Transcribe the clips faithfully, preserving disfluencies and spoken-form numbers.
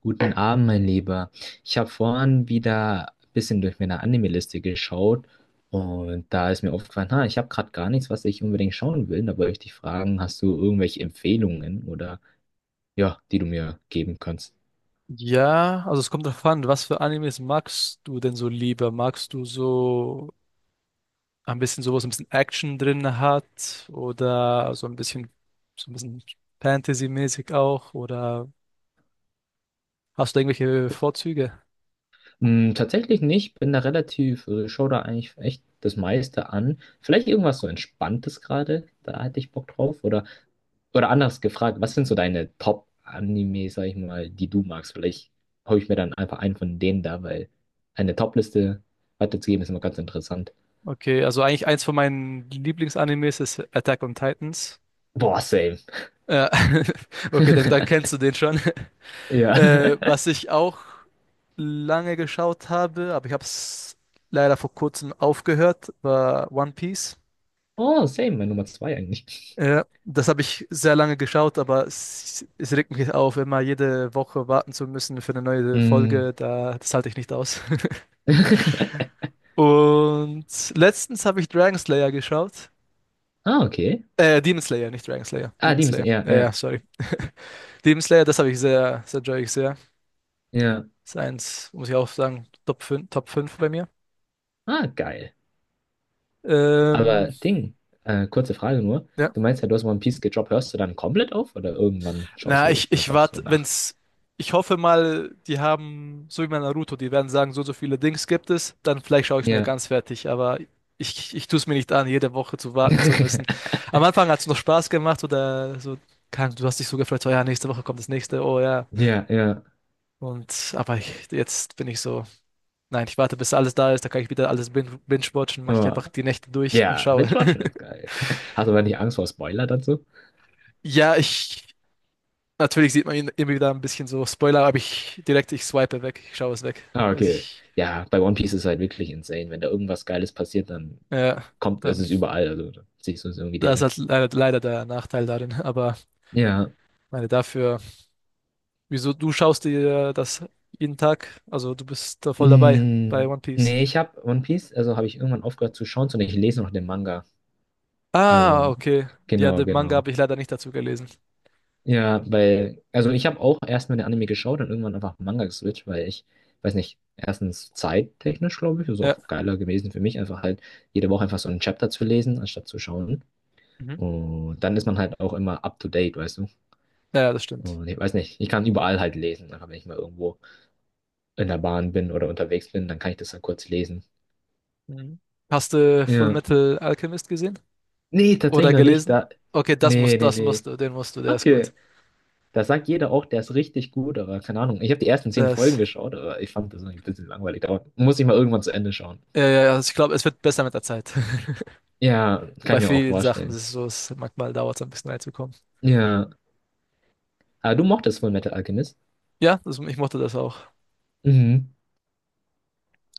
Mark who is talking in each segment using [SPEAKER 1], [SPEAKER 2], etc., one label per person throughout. [SPEAKER 1] Guten Abend, mein Lieber. Ich habe vorhin wieder ein bisschen durch meine Anime-Liste geschaut und da ist mir aufgefallen, ha, ich habe gerade gar nichts, was ich unbedingt schauen will. Da wollte ich dich fragen, hast du irgendwelche Empfehlungen oder ja, die du mir geben kannst?
[SPEAKER 2] Ja, also es kommt darauf an, was für Animes magst du denn so lieber? Magst du so ein bisschen sowas, ein bisschen Action drin hat oder so ein bisschen so ein bisschen Fantasy-mäßig auch oder hast du irgendwelche Vorzüge?
[SPEAKER 1] Hm, tatsächlich nicht, bin da relativ, äh, schau da eigentlich echt das meiste an. Vielleicht irgendwas so Entspanntes gerade, da hätte ich Bock drauf oder. Oder anders gefragt, was sind so deine Top-Anime, sag ich mal, die du magst? Vielleicht hole ich mir dann einfach einen von denen da, weil eine Top-Liste weiterzugeben ist immer ganz interessant.
[SPEAKER 2] Okay, also eigentlich eins von meinen Lieblingsanimes ist Attack on Titans.
[SPEAKER 1] Boah, same.
[SPEAKER 2] Äh, okay, dann, dann kennst du den schon.
[SPEAKER 1] Ja.
[SPEAKER 2] Äh, was ich auch lange geschaut habe, aber ich habe es leider vor kurzem aufgehört, war One Piece.
[SPEAKER 1] Oh, same, meine Nummer zwei eigentlich.
[SPEAKER 2] Ja, das habe ich sehr lange geschaut, aber es, es regt mich auf, immer jede Woche warten zu müssen für eine neue
[SPEAKER 1] Mm.
[SPEAKER 2] Folge. Da, das halte ich nicht aus. Und letztens habe ich Dragon Slayer geschaut.
[SPEAKER 1] Ah, okay.
[SPEAKER 2] Äh, Demon Slayer, nicht Dragon Slayer.
[SPEAKER 1] Ah,
[SPEAKER 2] Demon
[SPEAKER 1] die müssen,
[SPEAKER 2] Slayer.
[SPEAKER 1] ja,
[SPEAKER 2] Ja, ja,
[SPEAKER 1] ja,
[SPEAKER 2] sorry. Demon Slayer, das habe ich sehr, sehr enjoy ich sehr.
[SPEAKER 1] ja.
[SPEAKER 2] Ist eins, muss ich auch sagen, Top fünf, Top fünf bei mir.
[SPEAKER 1] Ah, geil.
[SPEAKER 2] Ähm,
[SPEAKER 1] Aber Ding, äh, kurze Frage nur.
[SPEAKER 2] ja.
[SPEAKER 1] Du meinst ja, du hast One Piece gedroppt, hörst du dann komplett auf oder irgendwann schaust
[SPEAKER 2] Na,
[SPEAKER 1] du
[SPEAKER 2] ich, ich
[SPEAKER 1] einfach so
[SPEAKER 2] warte,
[SPEAKER 1] nach?
[SPEAKER 2] wenn's, ich hoffe mal, die haben, so wie bei Naruto, die werden sagen, so, so viele Dings gibt es, dann vielleicht schaue ich es mir
[SPEAKER 1] Ja.
[SPEAKER 2] ganz fertig, aber ich, ich tue es mir nicht an, jede Woche zu warten zu müssen. Am Anfang hat es noch Spaß gemacht oder so, kann, du hast dich so gefreut, so, ja, nächste Woche kommt das nächste, oh ja.
[SPEAKER 1] Ja, ja.
[SPEAKER 2] Und, aber ich, jetzt bin ich so, nein, ich warte, bis alles da ist, da kann ich wieder alles bin- binge-watchen, mache ich
[SPEAKER 1] Oh.
[SPEAKER 2] einfach die Nächte durch und
[SPEAKER 1] Ja,
[SPEAKER 2] schaue.
[SPEAKER 1] Binge-Watchen ist geil. Hast du aber nicht Angst vor Spoiler dazu?
[SPEAKER 2] Ja, ich. Natürlich sieht man ihn immer wieder ein bisschen so. Spoiler, aber ich direkt, ich swipe weg, ich schaue es weg.
[SPEAKER 1] Ah,
[SPEAKER 2] Also
[SPEAKER 1] okay.
[SPEAKER 2] ich,
[SPEAKER 1] Ja, bei One Piece ist es halt wirklich insane. Wenn da irgendwas Geiles passiert, dann
[SPEAKER 2] ja,
[SPEAKER 1] kommt, es
[SPEAKER 2] dann,
[SPEAKER 1] ist überall. Also dann siehst du es irgendwie
[SPEAKER 2] da ist
[SPEAKER 1] direkt.
[SPEAKER 2] halt leider, leider der Nachteil darin. Aber
[SPEAKER 1] Ja.
[SPEAKER 2] meine dafür, wieso du schaust dir das jeden Tag? Also du bist da voll dabei bei
[SPEAKER 1] Mm,
[SPEAKER 2] One Piece.
[SPEAKER 1] nee, ich habe One Piece, also habe ich irgendwann aufgehört zu schauen, sondern ich lese noch den Manga.
[SPEAKER 2] Ah,
[SPEAKER 1] Also,
[SPEAKER 2] okay. Ja,
[SPEAKER 1] genau,
[SPEAKER 2] den Manga
[SPEAKER 1] genau.
[SPEAKER 2] habe ich leider nicht dazu gelesen.
[SPEAKER 1] Ja, weil, also ich habe auch erstmal den Anime geschaut und irgendwann einfach Manga geswitcht, weil ich, weiß nicht, erstens zeittechnisch, glaube ich, ist
[SPEAKER 2] Ja.
[SPEAKER 1] auch geiler gewesen für mich, einfach halt jede Woche einfach so ein Chapter zu lesen, anstatt zu schauen.
[SPEAKER 2] Mhm.
[SPEAKER 1] Und dann ist man halt auch immer up to date, weißt du?
[SPEAKER 2] Ja, das stimmt.
[SPEAKER 1] Und ich weiß nicht, ich kann überall halt lesen. Einfach wenn ich mal irgendwo in der Bahn bin oder unterwegs bin, dann kann ich das dann kurz lesen.
[SPEAKER 2] Mhm. Hast du Full
[SPEAKER 1] Ja.
[SPEAKER 2] Metal Alchemist gesehen?
[SPEAKER 1] Nee, tatsächlich
[SPEAKER 2] Oder
[SPEAKER 1] noch nicht.
[SPEAKER 2] gelesen?
[SPEAKER 1] Da.
[SPEAKER 2] Okay, das
[SPEAKER 1] Nee,
[SPEAKER 2] musst,
[SPEAKER 1] nee,
[SPEAKER 2] das
[SPEAKER 1] nee.
[SPEAKER 2] musst du, den musst du, der ist
[SPEAKER 1] Okay.
[SPEAKER 2] gut.
[SPEAKER 1] Da sagt jeder auch, der ist richtig gut, aber keine Ahnung. Ich habe die ersten zehn Folgen
[SPEAKER 2] Das,
[SPEAKER 1] geschaut, aber ich fand das irgendwie ein bisschen langweilig. Da muss ich mal irgendwann zu Ende schauen.
[SPEAKER 2] ja, ja, ja, also ich glaube, es wird besser mit der Zeit.
[SPEAKER 1] Ja, kann
[SPEAKER 2] Bei
[SPEAKER 1] ich mir auch
[SPEAKER 2] vielen Sachen ist
[SPEAKER 1] vorstellen.
[SPEAKER 2] es so, es manchmal dauert es ein bisschen reinzukommen.
[SPEAKER 1] Ja. Aber du mochtest Fullmetal Alchemist.
[SPEAKER 2] Ja, das, ich mochte das auch.
[SPEAKER 1] Mhm.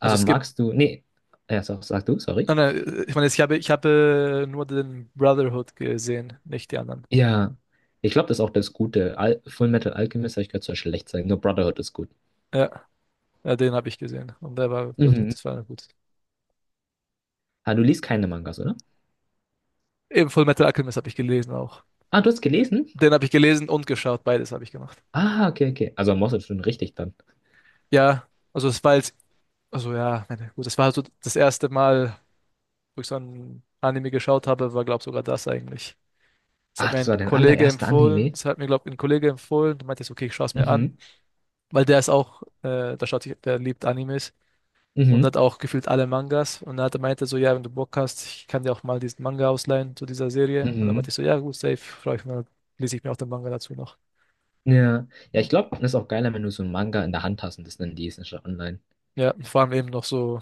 [SPEAKER 2] Also es gibt,
[SPEAKER 1] magst du. Nee. Ja, sag, sag du, sorry.
[SPEAKER 2] nein, nein, ich meine, ich habe, ich habe nur den Brotherhood gesehen, nicht die anderen.
[SPEAKER 1] Ja, ich glaube, das ist auch das Gute. Al Full Metal Alchemist habe ich gehört, soll schlecht sein. Nur Brotherhood ist gut.
[SPEAKER 2] Ja, ja, den habe ich gesehen und der war, das,
[SPEAKER 1] Mhm.
[SPEAKER 2] das war gut.
[SPEAKER 1] Ah, du liest keine Mangas, oder?
[SPEAKER 2] Eben Full Metal Alchemist habe ich gelesen auch.
[SPEAKER 1] Ah, du hast gelesen?
[SPEAKER 2] Den habe ich gelesen und geschaut, beides habe ich gemacht.
[SPEAKER 1] Ah, okay, okay. Also Moss ist schon richtig dann.
[SPEAKER 2] Ja, also es war jetzt, also ja, meine, gut, das war so das erste Mal, wo ich so ein Anime geschaut habe, war glaube sogar das eigentlich. Das hat
[SPEAKER 1] Ach,
[SPEAKER 2] mir
[SPEAKER 1] das war
[SPEAKER 2] ein
[SPEAKER 1] dein
[SPEAKER 2] Kollege
[SPEAKER 1] allererster
[SPEAKER 2] empfohlen,
[SPEAKER 1] Anime.
[SPEAKER 2] das hat mir glaube ein Kollege empfohlen, der meinte, so, okay, ich schaue es mir an.
[SPEAKER 1] Mhm.
[SPEAKER 2] Weil der ist auch, äh, der schaut, sich- der liebt Animes und
[SPEAKER 1] Mhm.
[SPEAKER 2] hat auch gefühlt alle Mangas. Und dann hat er meinte so, ja, wenn du Bock hast, ich kann dir auch mal diesen Manga ausleihen zu dieser Serie. Und dann meinte
[SPEAKER 1] Mhm.
[SPEAKER 2] ich so, ja, gut, safe, freue ich mich, dann lese ich mir auch den Manga dazu noch.
[SPEAKER 1] Ja. Ja, ich glaube, das ist auch geiler, wenn du so einen Manga in der Hand hast und das dann liest, anstatt online.
[SPEAKER 2] Ja, und vor allem eben noch so,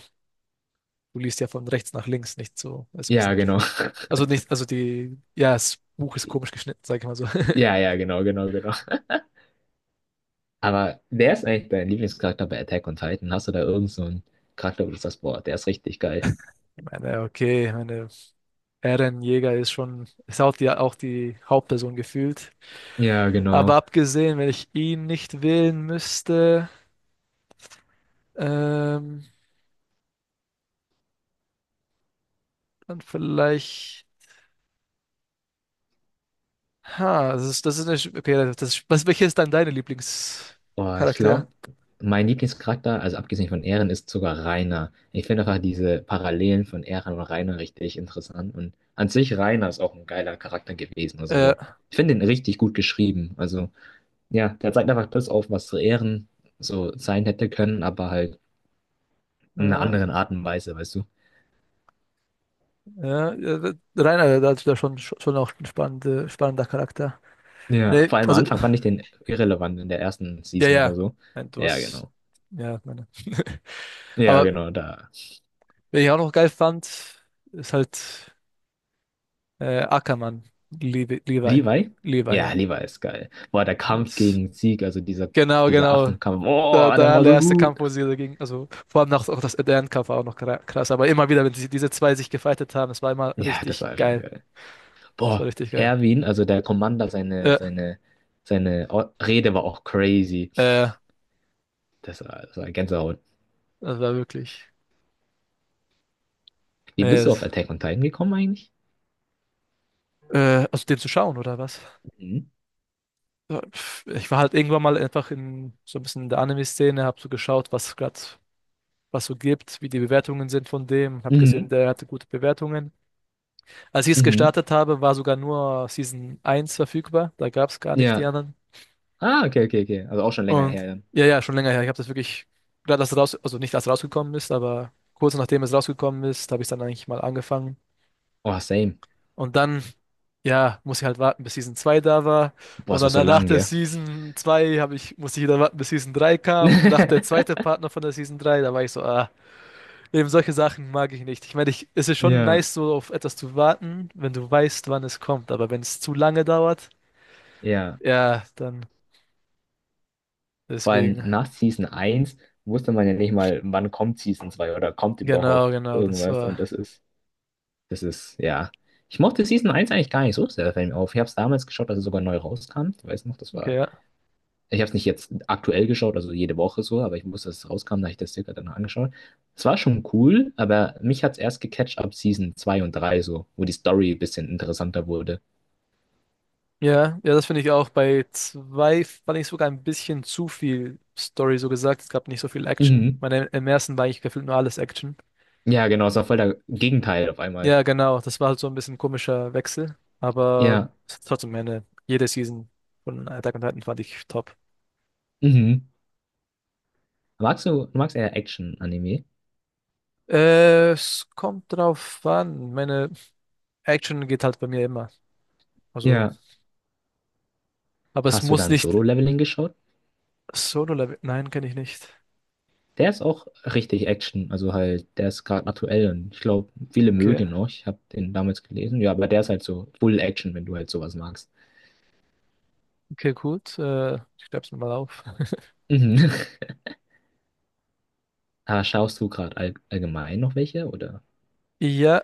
[SPEAKER 2] du liest ja von rechts nach links, nicht so, also ein
[SPEAKER 1] Ja,
[SPEAKER 2] bisschen,
[SPEAKER 1] genau.
[SPEAKER 2] also nicht, also die, ja, das Buch ist komisch geschnitten, sag ich mal so.
[SPEAKER 1] Ja, ja, genau, genau, genau. Aber wer ist eigentlich dein Lieblingscharakter bei Attack on Titan? Hast du da irgend so einen Charakter, wo du sagst, boah, der ist richtig geil?
[SPEAKER 2] Ich meine, okay, ich meine, Eren Jäger ist schon, ist auch die, auch die Hauptperson gefühlt.
[SPEAKER 1] Ja,
[SPEAKER 2] Aber
[SPEAKER 1] genau.
[SPEAKER 2] abgesehen, wenn ich ihn nicht wählen müsste. Ähm, dann vielleicht. Ha, das ist, das ist eine. Sch- Okay, das, ist- was, welcher ist dann deine
[SPEAKER 1] Boah, ich
[SPEAKER 2] Lieblingscharakter?
[SPEAKER 1] glaube, mein Lieblingscharakter, also abgesehen von Eren, ist sogar Reiner. Ich finde einfach diese Parallelen von Eren und Reiner richtig interessant. Und an sich Reiner ist auch ein geiler Charakter gewesen. Also
[SPEAKER 2] Äh,
[SPEAKER 1] so. Ich finde ihn richtig gut geschrieben. Also ja, der zeigt einfach das auf, was so Eren so sein hätte können, aber halt in einer
[SPEAKER 2] äh,
[SPEAKER 1] anderen Art und Weise, weißt du.
[SPEAKER 2] ja, äh, Rainer, da ist schon, schon auch ein spannende, spannender Charakter.
[SPEAKER 1] Ja,
[SPEAKER 2] Nee,
[SPEAKER 1] vor allem am
[SPEAKER 2] also,
[SPEAKER 1] Anfang fand ich den irrelevant in der ersten
[SPEAKER 2] ja,
[SPEAKER 1] Season oder
[SPEAKER 2] ja.
[SPEAKER 1] so.
[SPEAKER 2] Nein, du
[SPEAKER 1] Ja,
[SPEAKER 2] hast.
[SPEAKER 1] genau.
[SPEAKER 2] Ja, meine.
[SPEAKER 1] Ja,
[SPEAKER 2] Aber
[SPEAKER 1] genau, da.
[SPEAKER 2] wen ich auch noch geil fand, ist halt äh, Ackermann. Levi. Levi,
[SPEAKER 1] Levi?
[SPEAKER 2] Levi,
[SPEAKER 1] Ja,
[SPEAKER 2] ja.
[SPEAKER 1] Levi ist geil. Boah, der Kampf
[SPEAKER 2] Das,
[SPEAKER 1] gegen Zeke, also dieser,
[SPEAKER 2] genau,
[SPEAKER 1] dieser
[SPEAKER 2] genau.
[SPEAKER 1] Affenkampf,
[SPEAKER 2] Der,
[SPEAKER 1] boah,
[SPEAKER 2] der
[SPEAKER 1] der war so
[SPEAKER 2] allererste Kampf,
[SPEAKER 1] gut.
[SPEAKER 2] wo sie dagegen, also vor allem nach, auch das Eden-Kampf war auch noch kra- krass, aber immer wieder, wenn sie, diese zwei sich gefightet haben, es war immer
[SPEAKER 1] Ja, das
[SPEAKER 2] richtig
[SPEAKER 1] war schon
[SPEAKER 2] geil.
[SPEAKER 1] geil.
[SPEAKER 2] Es war
[SPEAKER 1] Boah,
[SPEAKER 2] richtig geil.
[SPEAKER 1] Erwin, also der Commander, seine,
[SPEAKER 2] Äh,
[SPEAKER 1] seine, seine O- Rede war auch crazy.
[SPEAKER 2] äh,
[SPEAKER 1] Das war, das war Gänsehaut.
[SPEAKER 2] Das war wirklich.
[SPEAKER 1] Wie
[SPEAKER 2] Äh,
[SPEAKER 1] bist du auf
[SPEAKER 2] es-
[SPEAKER 1] Attack on Titan gekommen eigentlich?
[SPEAKER 2] äh, also den zu schauen, oder was?
[SPEAKER 1] Mhm.
[SPEAKER 2] Ja, pf, ich war halt irgendwann mal einfach in so ein bisschen in der Anime-Szene, hab so geschaut, was gerade was so gibt, wie die Bewertungen sind von dem, hab gesehen,
[SPEAKER 1] Mhm.
[SPEAKER 2] der hatte gute Bewertungen. Als ich es
[SPEAKER 1] Mhm.
[SPEAKER 2] gestartet habe, war sogar nur Season eins verfügbar, da gab es gar nicht die
[SPEAKER 1] Ja.
[SPEAKER 2] anderen.
[SPEAKER 1] Ah, okay, okay, okay. Also auch schon länger
[SPEAKER 2] Und
[SPEAKER 1] her, dann.
[SPEAKER 2] ja, ja, schon länger her. Ich habe das wirklich, gerade als raus, also nicht als rausgekommen ist, aber kurz nachdem es rausgekommen ist, habe ich dann eigentlich mal angefangen.
[SPEAKER 1] Oh, same.
[SPEAKER 2] Und dann, ja, muss ich halt warten, bis Season zwei da war.
[SPEAKER 1] Boah,
[SPEAKER 2] Und
[SPEAKER 1] es war
[SPEAKER 2] dann
[SPEAKER 1] so
[SPEAKER 2] nach
[SPEAKER 1] lang,
[SPEAKER 2] der
[SPEAKER 1] gell?
[SPEAKER 2] Season zwei habe ich, musste ich wieder warten, bis Season drei kam. Und nach der zweite Partner von der Season drei da war ich so, ah, eben solche Sachen mag ich nicht. Ich meine, ich, es ist schon
[SPEAKER 1] Ja.
[SPEAKER 2] nice, so auf etwas zu warten, wenn du weißt, wann es kommt. Aber wenn es zu lange dauert,
[SPEAKER 1] Ja.
[SPEAKER 2] ja, dann
[SPEAKER 1] Vor allem
[SPEAKER 2] deswegen.
[SPEAKER 1] nach Season eins wusste man ja nicht mal, wann kommt Season zwei oder kommt überhaupt
[SPEAKER 2] Genau, genau, das
[SPEAKER 1] irgendwas.
[SPEAKER 2] war,
[SPEAKER 1] Und das ist, das ist, ja. Ich mochte Season eins eigentlich gar nicht so sehr, fällt mir auf. Ich habe es damals geschaut, als es sogar neu rauskam. Ich weiß noch, das
[SPEAKER 2] okay,
[SPEAKER 1] war.
[SPEAKER 2] ja.
[SPEAKER 1] Ich habe es nicht jetzt aktuell geschaut, also jede Woche so, aber ich wusste, dass es rauskam, da habe ich das circa danach angeschaut. Es war schon cool, aber mich hat es erst gecatcht ab Season zwei und drei so, wo die Story ein bisschen interessanter wurde.
[SPEAKER 2] Ja, ja, das finde ich auch. Bei zwei fand ich sogar ein bisschen zu viel Story, so gesagt. Es gab nicht so viel Action.
[SPEAKER 1] Mhm.
[SPEAKER 2] Meine, im ersten war eigentlich gefühlt nur alles Action.
[SPEAKER 1] Ja, genau, es war voll der Gegenteil auf einmal.
[SPEAKER 2] Ja, genau. Das war halt so ein bisschen komischer Wechsel. Aber
[SPEAKER 1] Ja.
[SPEAKER 2] es hat trotzdem meine, jede Season von Attack on Titan fand ich top.
[SPEAKER 1] Mhm. Magst du, du magst eher Action-Anime?
[SPEAKER 2] Äh, es kommt drauf an. Meine Action geht halt bei mir immer. Also,
[SPEAKER 1] Ja.
[SPEAKER 2] aber es
[SPEAKER 1] Hast du
[SPEAKER 2] muss
[SPEAKER 1] dann
[SPEAKER 2] nicht
[SPEAKER 1] Solo-Leveling geschaut?
[SPEAKER 2] Solo-Level. Nein, kenne ich nicht.
[SPEAKER 1] Der ist auch richtig Action. Also halt, der ist gerade aktuell und ich glaube, viele mögen
[SPEAKER 2] Okay,
[SPEAKER 1] den auch. Ich habe den damals gelesen. Ja, aber der ist halt so Full Action, wenn du halt sowas magst.
[SPEAKER 2] okay, gut. Äh, ich schreib's mir mal auf.
[SPEAKER 1] Mhm. Ah, schaust du gerade all allgemein noch welche, oder?
[SPEAKER 2] Ja,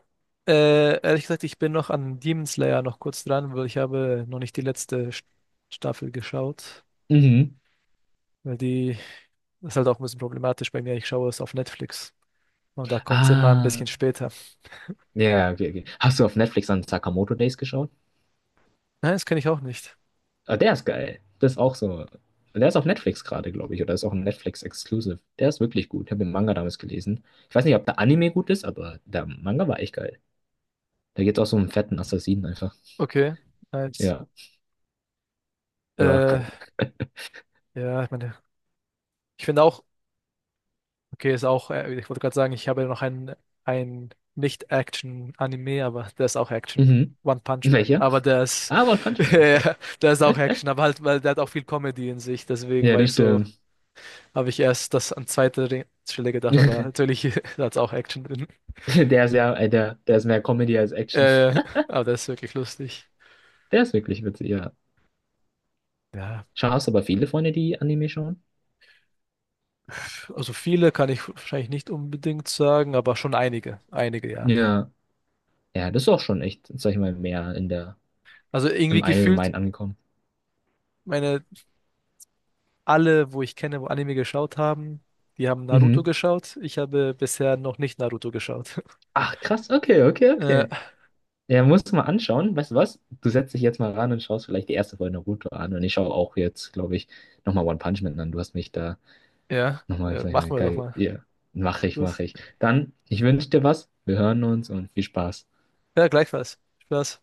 [SPEAKER 2] äh, ehrlich gesagt, ich bin noch an Demon Slayer noch kurz dran, weil ich habe noch nicht die letzte St- Staffel geschaut,
[SPEAKER 1] Mhm.
[SPEAKER 2] weil die das ist halt auch ein bisschen problematisch bei mir. Ich schaue es auf Netflix und da kommt es immer ein
[SPEAKER 1] Ah,
[SPEAKER 2] bisschen später.
[SPEAKER 1] ja, okay, okay. Hast du auf Netflix an Sakamoto Days geschaut?
[SPEAKER 2] Nein, das kenne ich auch nicht.
[SPEAKER 1] Ah, der ist geil. Das ist auch so. Der ist auf Netflix gerade, glaube ich, oder ist auch ein Netflix-Exclusive. Der ist wirklich gut. Ich habe den Manga damals gelesen. Ich weiß nicht, ob der Anime gut ist, aber der Manga war echt geil. Da geht es auch so um fetten Assassinen einfach.
[SPEAKER 2] Okay, nice.
[SPEAKER 1] Ja, ja.
[SPEAKER 2] Äh, ja, ich meine, ich finde auch okay, ist auch, äh, ich wollte gerade sagen, ich habe ja noch ein, ein Nicht-Action-Anime, aber der ist auch Action.
[SPEAKER 1] Mhm.
[SPEAKER 2] One Punch Man.
[SPEAKER 1] Welcher?
[SPEAKER 2] Aber der ist,
[SPEAKER 1] Ah, One Punch Man ist geil.
[SPEAKER 2] ja, der ist auch Action, aber halt, weil der hat auch viel Comedy in sich. Deswegen
[SPEAKER 1] Ja,
[SPEAKER 2] war
[SPEAKER 1] das
[SPEAKER 2] ich so,
[SPEAKER 1] stimmt.
[SPEAKER 2] habe ich erst das an zweite Re- Stelle gedacht, aber natürlich hat es auch Action drin.
[SPEAKER 1] Der ist ja, äh, der, der ist mehr Comedy als Action.
[SPEAKER 2] Äh, aber der ist wirklich lustig.
[SPEAKER 1] Der ist wirklich witzig, ja.
[SPEAKER 2] Ja,
[SPEAKER 1] Schaust aber viele Freunde, die Anime schauen?
[SPEAKER 2] pf, also viele kann ich wahrscheinlich nicht unbedingt sagen, aber schon einige. Einige, ja.
[SPEAKER 1] Ja. Ja, das ist auch schon echt, sag ich mal, mehr in der,
[SPEAKER 2] Also irgendwie
[SPEAKER 1] im
[SPEAKER 2] gefühlt,
[SPEAKER 1] Allgemeinen angekommen.
[SPEAKER 2] meine alle, wo ich kenne, wo Anime geschaut haben, die haben Naruto
[SPEAKER 1] Mhm.
[SPEAKER 2] geschaut. Ich habe bisher noch nicht Naruto geschaut.
[SPEAKER 1] Ach, krass, okay, okay,
[SPEAKER 2] Äh,
[SPEAKER 1] okay. Ja, musst du mal anschauen. Weißt du was? Du setzt dich jetzt mal ran und schaust vielleicht die erste Folge Naruto an. Und ich schaue auch jetzt, glaube ich, nochmal One Punch Man an. Du hast mich da.
[SPEAKER 2] ja,
[SPEAKER 1] Nochmal,
[SPEAKER 2] ja,
[SPEAKER 1] vielleicht mal
[SPEAKER 2] machen wir doch
[SPEAKER 1] geil.
[SPEAKER 2] mal.
[SPEAKER 1] Ja, mache ich,
[SPEAKER 2] Gut.
[SPEAKER 1] mache ich. Dann, ich wünsche dir was. Wir hören uns und viel Spaß.
[SPEAKER 2] Ja, gleichfalls. Spaß.